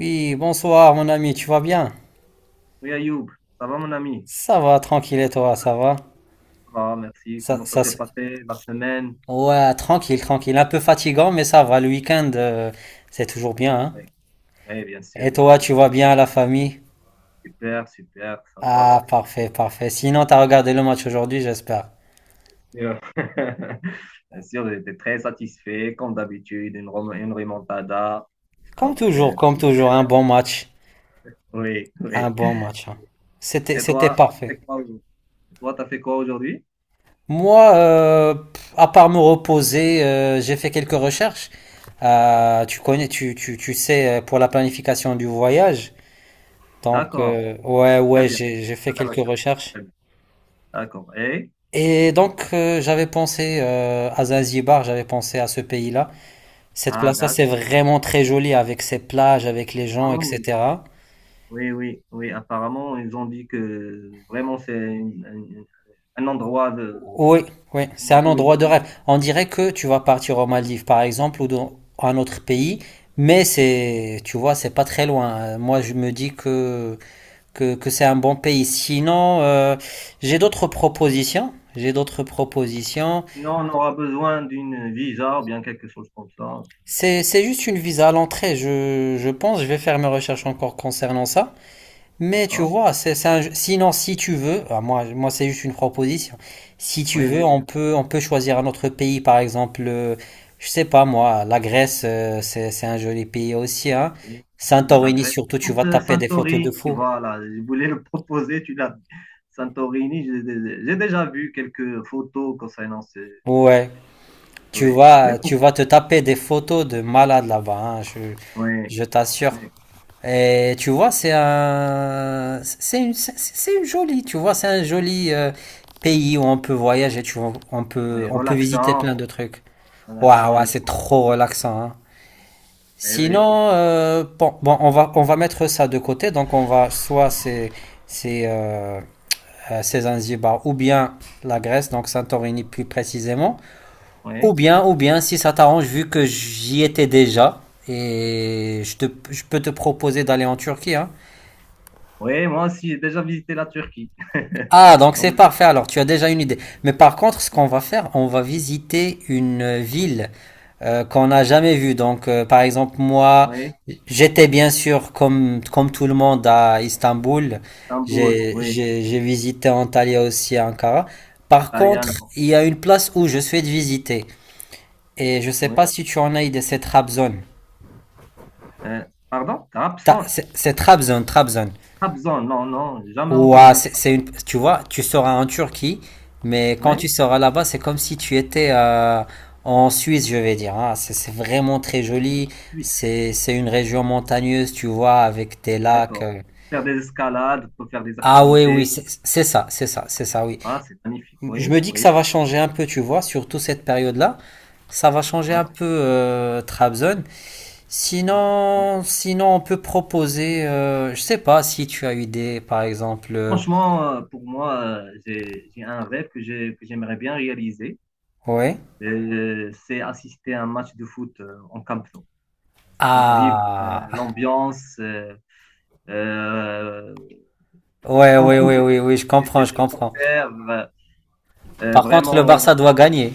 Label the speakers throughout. Speaker 1: Oui, bonsoir mon ami, tu vas bien?
Speaker 2: Oui, Ayoub, ça va mon ami?
Speaker 1: Ça va, tranquille et toi, ça va?
Speaker 2: Ah, merci.
Speaker 1: Ça,
Speaker 2: Comment ça
Speaker 1: ça
Speaker 2: s'est
Speaker 1: se-
Speaker 2: passé la semaine?
Speaker 1: Ouais, tranquille, tranquille. Un peu fatigant, mais ça va, le week-end, c'est toujours bien, hein?
Speaker 2: Oui, oui, bien
Speaker 1: Et
Speaker 2: sûr, bien
Speaker 1: toi,
Speaker 2: sûr.
Speaker 1: tu vas bien, la famille?
Speaker 2: Super, super, ça va,
Speaker 1: Ah,
Speaker 2: merci.
Speaker 1: parfait, parfait. Sinon, t'as regardé le match aujourd'hui, j'espère.
Speaker 2: Bien sûr, bien sûr, j'étais très satisfait, comme d'habitude, une, une remontada. Donc, euh,
Speaker 1: Comme toujours, un bon match.
Speaker 2: oui,
Speaker 1: Un
Speaker 2: oui.
Speaker 1: bon match, hein. C'était,
Speaker 2: Et
Speaker 1: c'était
Speaker 2: toi,
Speaker 1: parfait.
Speaker 2: c'est quoi aujourd'hui Et toi, t'as fait quoi aujourd'hui?
Speaker 1: Moi, pff, à part me reposer, j'ai fait quelques recherches. Tu connais, tu sais, pour la planification du voyage. Donc,
Speaker 2: D'accord,
Speaker 1: ouais,
Speaker 2: très
Speaker 1: ouais,
Speaker 2: bien.
Speaker 1: j'ai
Speaker 2: À
Speaker 1: fait
Speaker 2: la
Speaker 1: quelques
Speaker 2: recherche.
Speaker 1: recherches.
Speaker 2: Très bien. D'accord. Et?
Speaker 1: Et donc, j'avais pensé à Zanzibar, j'avais pensé à ce pays-là. Cette
Speaker 2: Ah,
Speaker 1: place-là, c'est
Speaker 2: d'accord.
Speaker 1: vraiment très joli avec ses plages, avec les
Speaker 2: Ah,
Speaker 1: gens,
Speaker 2: oui.
Speaker 1: etc.
Speaker 2: Oui, oui, oui. Apparemment, ils ont dit que un endroit de,
Speaker 1: Oui, oui, c'est
Speaker 2: comment,
Speaker 1: un endroit de
Speaker 2: touristique.
Speaker 1: rêve. On dirait que tu vas partir aux Maldives, par exemple, ou dans un autre pays, mais c'est, tu vois, c'est pas très loin. Moi, je me dis que c'est un bon pays. Sinon, j'ai d'autres propositions. J'ai d'autres propositions.
Speaker 2: Sinon, on aura besoin d'une visa ou bien quelque chose comme ça.
Speaker 1: C'est juste une visa à l'entrée, je pense, je vais faire mes recherches encore concernant ça. Mais tu
Speaker 2: D'accord?
Speaker 1: vois, sinon si tu veux, ah, moi c'est juste une proposition, si tu
Speaker 2: Oui,
Speaker 1: veux,
Speaker 2: oui, bien.
Speaker 1: on peut choisir un autre pays, par exemple, je sais pas moi, la Grèce, c'est un joli pays aussi, hein.
Speaker 2: Et, et la
Speaker 1: Santorini
Speaker 2: Grèce.
Speaker 1: surtout,
Speaker 2: Je
Speaker 1: tu
Speaker 2: pense,
Speaker 1: vas taper des photos de
Speaker 2: Santorini,
Speaker 1: fou.
Speaker 2: voilà. Je voulais le proposer, tu l'as. Santorini, j'ai déjà vu quelques photos concernant ce.
Speaker 1: Ouais,
Speaker 2: Oui, oui, pour-
Speaker 1: tu vas te taper des photos de malades là-bas, hein,
Speaker 2: oui,
Speaker 1: je t'assure.
Speaker 2: oui,
Speaker 1: Et tu vois, c'est une jolie, tu vois, c'est un joli pays où on peut voyager, tu vois,
Speaker 2: oui.
Speaker 1: on peut visiter plein
Speaker 2: Relaxant,
Speaker 1: de trucs. Waouh,
Speaker 2: relaxant,
Speaker 1: ouais,
Speaker 2: je
Speaker 1: c'est
Speaker 2: pense.
Speaker 1: trop relaxant, hein.
Speaker 2: Eh oui,
Speaker 1: Sinon,
Speaker 2: pourquoi?
Speaker 1: bon, on va mettre ça de côté, donc on va, soit c'est, euh, c'est Zanzibar, ou bien la Grèce, donc Santorini plus précisément,
Speaker 2: Oui.
Speaker 1: ou bien, si ça t'arrange, vu que j'y étais déjà, et je te, je peux te proposer d'aller en Turquie, hein.
Speaker 2: Oui, moi aussi, j'ai déjà visité la Turquie.
Speaker 1: Ah, donc c'est
Speaker 2: Donc,
Speaker 1: parfait. Alors, tu as déjà une idée. Mais par contre, ce qu'on va faire, on va visiter une ville qu'on n'a jamais vue. Donc, par exemple, moi,
Speaker 2: oui,
Speaker 1: j'étais bien sûr, comme tout le monde, à Istanbul.
Speaker 2: Istanbul, oui,
Speaker 1: J'ai visité Antalya aussi à Ankara. Par contre,
Speaker 2: Taliano,
Speaker 1: il y a une place où je souhaite visiter. Et je sais pas
Speaker 2: oui.
Speaker 1: si tu en as idée, c'est Trabzon.
Speaker 2: Pardon?
Speaker 1: Trabzon.
Speaker 2: Trabzon, non, non, jamais
Speaker 1: Ouah,
Speaker 2: entendu.
Speaker 1: c'est une, tu vois, tu seras en Turquie, mais quand
Speaker 2: Oui,
Speaker 1: tu seras là-bas, c'est comme si tu étais en Suisse, je vais dire. Hein. C'est vraiment très joli.
Speaker 2: Suisse,
Speaker 1: C'est une région montagneuse, tu vois, avec des lacs.
Speaker 2: d'accord. Faire des escalades, peut faire des
Speaker 1: Ah oui, oui,
Speaker 2: activités.
Speaker 1: c'est ça, oui.
Speaker 2: Ah, c'est magnifique,
Speaker 1: Je
Speaker 2: oui,
Speaker 1: me dis que
Speaker 2: oui,
Speaker 1: ça va changer un peu, tu vois, surtout cette période-là. Ça va changer un
Speaker 2: oui,
Speaker 1: peu Trabzon.
Speaker 2: mm, oui.
Speaker 1: Sinon, on peut proposer, je sais pas si tu as eu des, par exemple,
Speaker 2: Franchement, pour moi, j'ai un rêve que j'aimerais bien réaliser.
Speaker 1: ouais.
Speaker 2: C'est assister à un match de foot en Camp Nou. Donc, vivre
Speaker 1: Ah,
Speaker 2: l'ambiance. Euh,
Speaker 1: Ouais,
Speaker 2: entouré
Speaker 1: oui, oui,
Speaker 2: des
Speaker 1: je comprends.
Speaker 2: supporters.
Speaker 1: Par contre, le
Speaker 2: Vraiment,
Speaker 1: Barça doit gagner.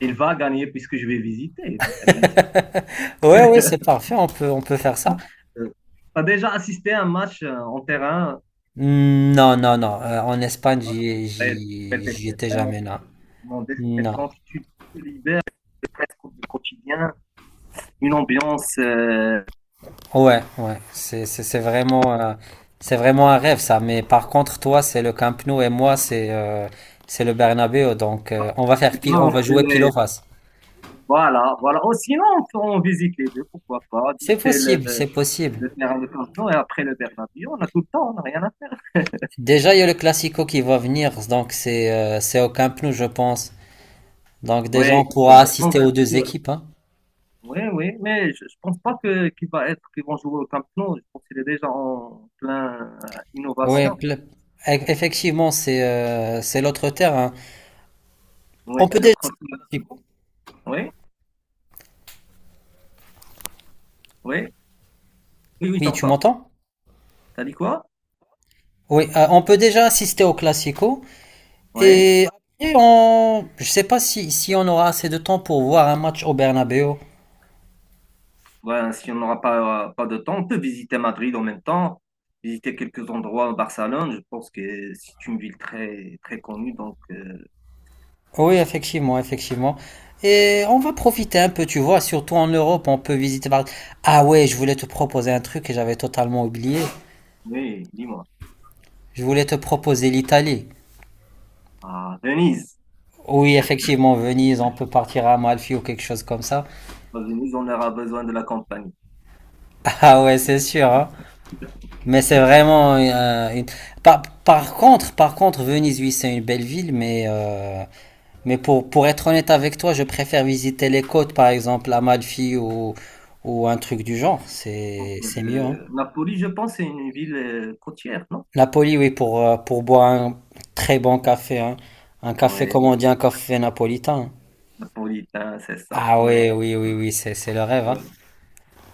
Speaker 2: il va gagner puisque je vais visiter. Il va gagner.
Speaker 1: Ouais, ouais, c'est parfait, on peut faire ça.
Speaker 2: Bon, euh, t'as déjà assisté à un match en terrain.
Speaker 1: Hmm, non. En Espagne,
Speaker 2: Hein, tu devrais
Speaker 1: j'y
Speaker 2: tester.
Speaker 1: étais
Speaker 2: Vraiment,
Speaker 1: jamais,
Speaker 2: c'est
Speaker 1: non.
Speaker 2: un sentiment
Speaker 1: Non.
Speaker 2: déstressant. Tu te libères presque du quotidien. Une ambiance.
Speaker 1: Ouais, ouais. C'est vraiment un rêve, ça. Mais par contre, toi, c'est le Camp Nou et moi, c'est le Bernabéu. Donc, on va faire
Speaker 2: Tu
Speaker 1: pile,
Speaker 2: vois,
Speaker 1: on
Speaker 2: on
Speaker 1: va jouer pile ou
Speaker 2: fait-
Speaker 1: face.
Speaker 2: voilà, voilà. Oh, sinon, on visite les deux, pourquoi pas.
Speaker 1: C'est
Speaker 2: Visiter
Speaker 1: possible, c'est possible.
Speaker 2: le terrain de Cardo et après le Bernabéu. On a tout le temps, on n'a rien à...
Speaker 1: Déjà, il y a le Classico qui va venir, donc c'est au Camp Nou, je pense. Donc déjà,
Speaker 2: Oui,
Speaker 1: on pourra assister
Speaker 2: pense
Speaker 1: aux deux
Speaker 2: que-
Speaker 1: équipes. Hein.
Speaker 2: oui, oui, mais je pense pas que qu'il va être qu'ils vont jouer au Camp Nou. Je pense qu'il est déjà en plein
Speaker 1: Oui,
Speaker 2: innovation.
Speaker 1: pl- effectivement, c'est l'autre terre. Hein.
Speaker 2: Oui,
Speaker 1: On peut
Speaker 2: le
Speaker 1: déjà
Speaker 2: troc-
Speaker 1: assister au Classico.
Speaker 2: Oui, oui, oui, oui, je
Speaker 1: Oui, tu
Speaker 2: t'entends.
Speaker 1: m'entends?
Speaker 2: T'as dit quoi?
Speaker 1: Oui, on peut déjà assister au Classico.
Speaker 2: Oui.
Speaker 1: Et après, on... je sais pas si on aura assez de temps pour voir un match au Bernabéu.
Speaker 2: Ben, si on n'aura pas de temps, on peut visiter Madrid en même temps, visiter quelques endroits à Barcelone. Je pense que c'est une ville très très connue.
Speaker 1: Oui, effectivement, effectivement. Et on va profiter un peu, tu vois, surtout en Europe, on peut visiter par... Ah ouais, je voulais te proposer un truc et j'avais totalement oublié.
Speaker 2: Oui, dis-moi.
Speaker 1: Je voulais te proposer l'Italie.
Speaker 2: À Venise.
Speaker 1: Oui, effectivement, Venise, on peut partir à Amalfi ou quelque chose comme ça.
Speaker 2: À Venise, on aura besoin de la compagnie.
Speaker 1: Ah ouais, c'est sûr, hein. Mais c'est vraiment une... par contre, Venise, oui, c'est une belle ville, mais pour être honnête avec toi, je préfère visiter les côtes, par exemple, Amalfi ou un truc du genre.
Speaker 2: Donc,
Speaker 1: C'est mieux, hein.
Speaker 2: Napoli, je pense, c'est une ville côtière, non?
Speaker 1: Napoli, oui, pour boire un très bon café, hein. Un café, comment
Speaker 2: Oui,
Speaker 1: on dit, un café napolitain.
Speaker 2: napolitain, c'est ça.
Speaker 1: Ah
Speaker 2: Oui,
Speaker 1: oui, oui, oui, oui, c'est le rêve, hein.
Speaker 2: oui.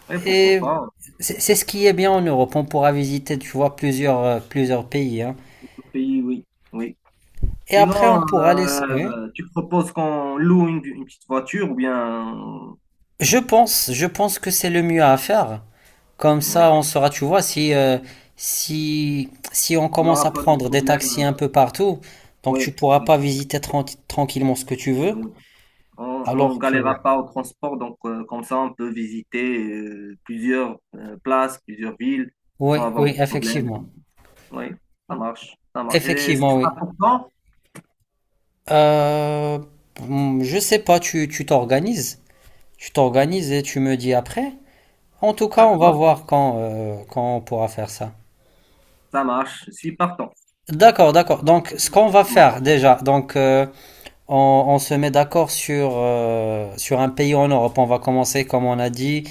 Speaker 2: Oui, pourquoi
Speaker 1: Et
Speaker 2: pas?
Speaker 1: c'est ce qui est bien en Europe. On pourra visiter, tu vois, plusieurs, plusieurs pays. Hein.
Speaker 2: Le pays, oui. Oui.
Speaker 1: Et après,
Speaker 2: Sinon,
Speaker 1: on pourra laisser. Oui.
Speaker 2: tu proposes qu'on loue une petite voiture ou bien. euh,
Speaker 1: Je pense que c'est le mieux à faire. Comme
Speaker 2: Oui.
Speaker 1: ça, on saura, tu vois, si on
Speaker 2: On
Speaker 1: commence à
Speaker 2: n'aura pas de
Speaker 1: prendre des taxis
Speaker 2: problème.
Speaker 1: un peu partout, donc tu
Speaker 2: Oui.
Speaker 1: pourras pas
Speaker 2: Oui,
Speaker 1: visiter tranquillement ce que tu veux.
Speaker 2: oui. On, on
Speaker 1: Alors que.
Speaker 2: galérera pas au transport, donc comme ça, on peut visiter plusieurs places, plusieurs villes sans
Speaker 1: Oui,
Speaker 2: avoir
Speaker 1: oui,
Speaker 2: de problème.
Speaker 1: effectivement.
Speaker 2: Oui, ça marche. Ça marche. Et ce
Speaker 1: Effectivement,
Speaker 2: sera
Speaker 1: oui.
Speaker 2: pour quand?
Speaker 1: Euh, je sais pas, tu t'organises. Tu t'organises et tu me dis après. En tout cas, on va
Speaker 2: D'accord.
Speaker 1: voir quand, quand on pourra faire ça.
Speaker 2: Ça marche, je suis partant.
Speaker 1: D'accord, d'accord. Donc, ce qu'on va
Speaker 2: Bon,
Speaker 1: faire déjà, donc on se met d'accord sur, sur un pays en Europe. On va commencer, comme on a dit,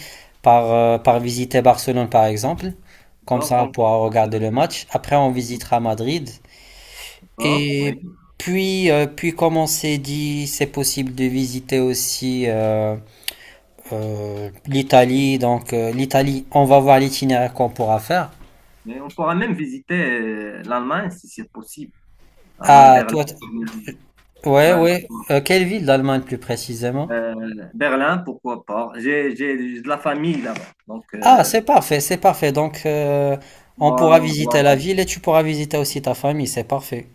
Speaker 1: par, par visiter Barcelone, par exemple. Comme
Speaker 2: d'accord,
Speaker 1: ça, on
Speaker 2: donc
Speaker 1: pourra
Speaker 2: c'est
Speaker 1: regarder le match. Après, on visitera Madrid.
Speaker 2: d'accord, oui.
Speaker 1: Et puis, puis comme on s'est dit, c'est possible de visiter aussi l'Italie. Donc, l'Italie, on va voir l'itinéraire qu'on pourra faire.
Speaker 2: Mais on pourra même visiter l'Allemagne si c'est possible. L'Allemagne,
Speaker 1: Ah,
Speaker 2: Berlin,
Speaker 1: toi, ouais, ouais.
Speaker 2: Francfort,
Speaker 1: Quelle ville d'Allemagne plus précisément?
Speaker 2: Berlin, pourquoi pas. J'ai de la famille là-bas, donc
Speaker 1: Ah, c'est parfait, c'est parfait. Donc, on
Speaker 2: moi,
Speaker 1: pourra
Speaker 2: non,
Speaker 1: visiter
Speaker 2: doit.
Speaker 1: la ville et tu pourras visiter aussi ta famille, c'est parfait.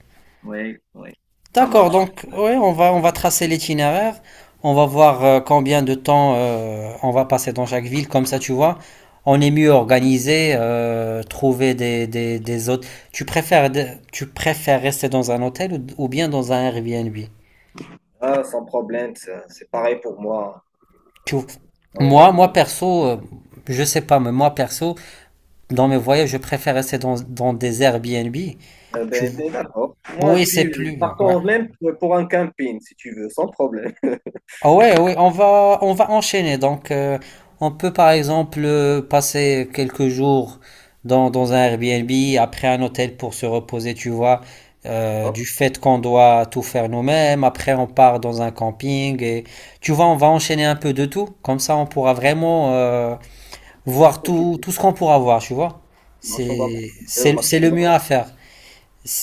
Speaker 2: Oui, oui, ça
Speaker 1: D'accord,
Speaker 2: marche.
Speaker 1: donc, ouais, on va tracer l'itinéraire. On va voir combien de temps on va passer dans chaque ville. Comme ça, tu vois, on est mieux organisé. Trouver des, des hôtes. Tu préfères, de- tu préfères rester dans un hôtel ou bien dans un Airbnb?
Speaker 2: Ah, sans problème, c'est pareil pour moi.
Speaker 1: Tu-
Speaker 2: Oui.
Speaker 1: Moi perso, je sais pas, mais moi perso. Dans mes voyages, je préfère rester dans, dans des Airbnb.
Speaker 2: Euh,
Speaker 1: Tu
Speaker 2: ben,
Speaker 1: vois.
Speaker 2: d'accord. Moi, je
Speaker 1: Oui, c'est
Speaker 2: suis
Speaker 1: plus. Ouais.
Speaker 2: partant même pour un camping, si tu veux, sans problème.
Speaker 1: Ah ouais, oui, on va enchaîner. Donc, on peut par exemple passer quelques jours dans, dans un Airbnb, après un hôtel pour se reposer, tu vois, du
Speaker 2: Hop,
Speaker 1: fait qu'on doit tout faire nous-mêmes. Après, on part dans un camping et tu vois, on va enchaîner un peu de tout. Comme ça, on pourra vraiment voir tout,
Speaker 2: profitez.
Speaker 1: tout ce qu'on pourra voir, tu vois.
Speaker 2: Marche, on va profiter au
Speaker 1: C'est le mieux
Speaker 2: maximum.
Speaker 1: à faire.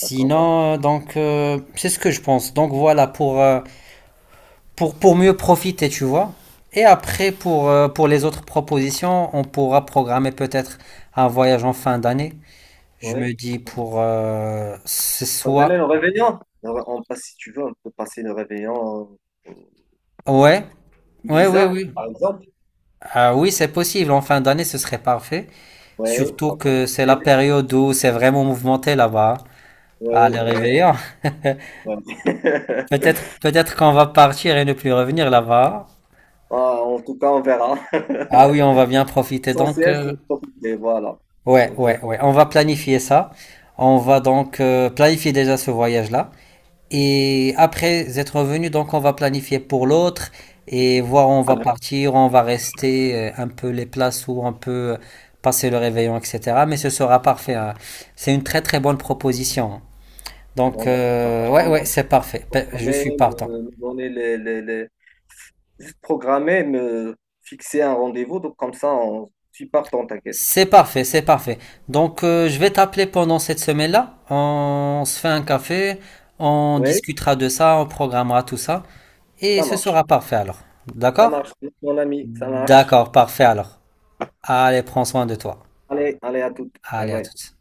Speaker 2: D'accord.
Speaker 1: donc, c'est ce que je pense. Donc voilà, pour mieux profiter, tu vois. Et après, pour les autres propositions, on pourra programmer peut-être un voyage en fin d'année. Je
Speaker 2: Oui.
Speaker 1: me dis pour ce
Speaker 2: Ça me
Speaker 1: soit...
Speaker 2: ramène au réveillon. Alors, on passe, si tu veux, on peut passer le réveillon euh,
Speaker 1: Ouais, ouais, oui,
Speaker 2: Ibiza,
Speaker 1: oui.
Speaker 2: par exemple.
Speaker 1: Ah oui, c'est possible. En fin d'année, ce serait parfait.
Speaker 2: Oui, on
Speaker 1: Surtout
Speaker 2: va
Speaker 1: que c'est la
Speaker 2: profiter.
Speaker 1: période où c'est vraiment mouvementé là-bas. Hein. À
Speaker 2: Oui,
Speaker 1: le
Speaker 2: oui,
Speaker 1: réveillant.
Speaker 2: oui.
Speaker 1: Peut-être, peut-être qu'on va partir et ne plus revenir là-bas.
Speaker 2: Ah, en tout cas, on verra.
Speaker 1: Ah oui, on va bien profiter. Donc,
Speaker 2: L'essentiel, c'est de profiter, voilà.
Speaker 1: ouais,
Speaker 2: L'essentiel,
Speaker 1: ouais, ouais. On va
Speaker 2: c'est de
Speaker 1: planifier ça. On va donc planifier déjà ce voyage-là. Et après être revenu, donc on va planifier pour l'autre et voir où on va
Speaker 2: profiter.
Speaker 1: partir, où on va rester, un peu les places où on peut passer le réveillon, etc. Mais ce sera parfait. Hein. C'est une très très bonne proposition. Donc,
Speaker 2: Bon, je suis
Speaker 1: ouais,
Speaker 2: partant.
Speaker 1: ouais,
Speaker 2: Donc,
Speaker 1: c'est parfait. Je
Speaker 2: Programmer,
Speaker 1: suis partant.
Speaker 2: me donner les- juste programmer, me fixer un rendez-vous. Donc, comme ça, on... je suis partant, t'inquiète.
Speaker 1: C'est parfait, c'est parfait. Donc, je vais t'appeler pendant cette semaine-là. On se fait un café, on
Speaker 2: Oui,
Speaker 1: discutera de ça, on programmera tout ça. Et
Speaker 2: ça
Speaker 1: ce
Speaker 2: marche.
Speaker 1: sera parfait alors.
Speaker 2: Ça
Speaker 1: D'accord?
Speaker 2: marche, mon ami, ça marche.
Speaker 1: D'accord, parfait alors. Allez, prends soin de toi.
Speaker 2: Allez, allez, à toutes. Bye
Speaker 1: Allez, à
Speaker 2: bye.
Speaker 1: toutes.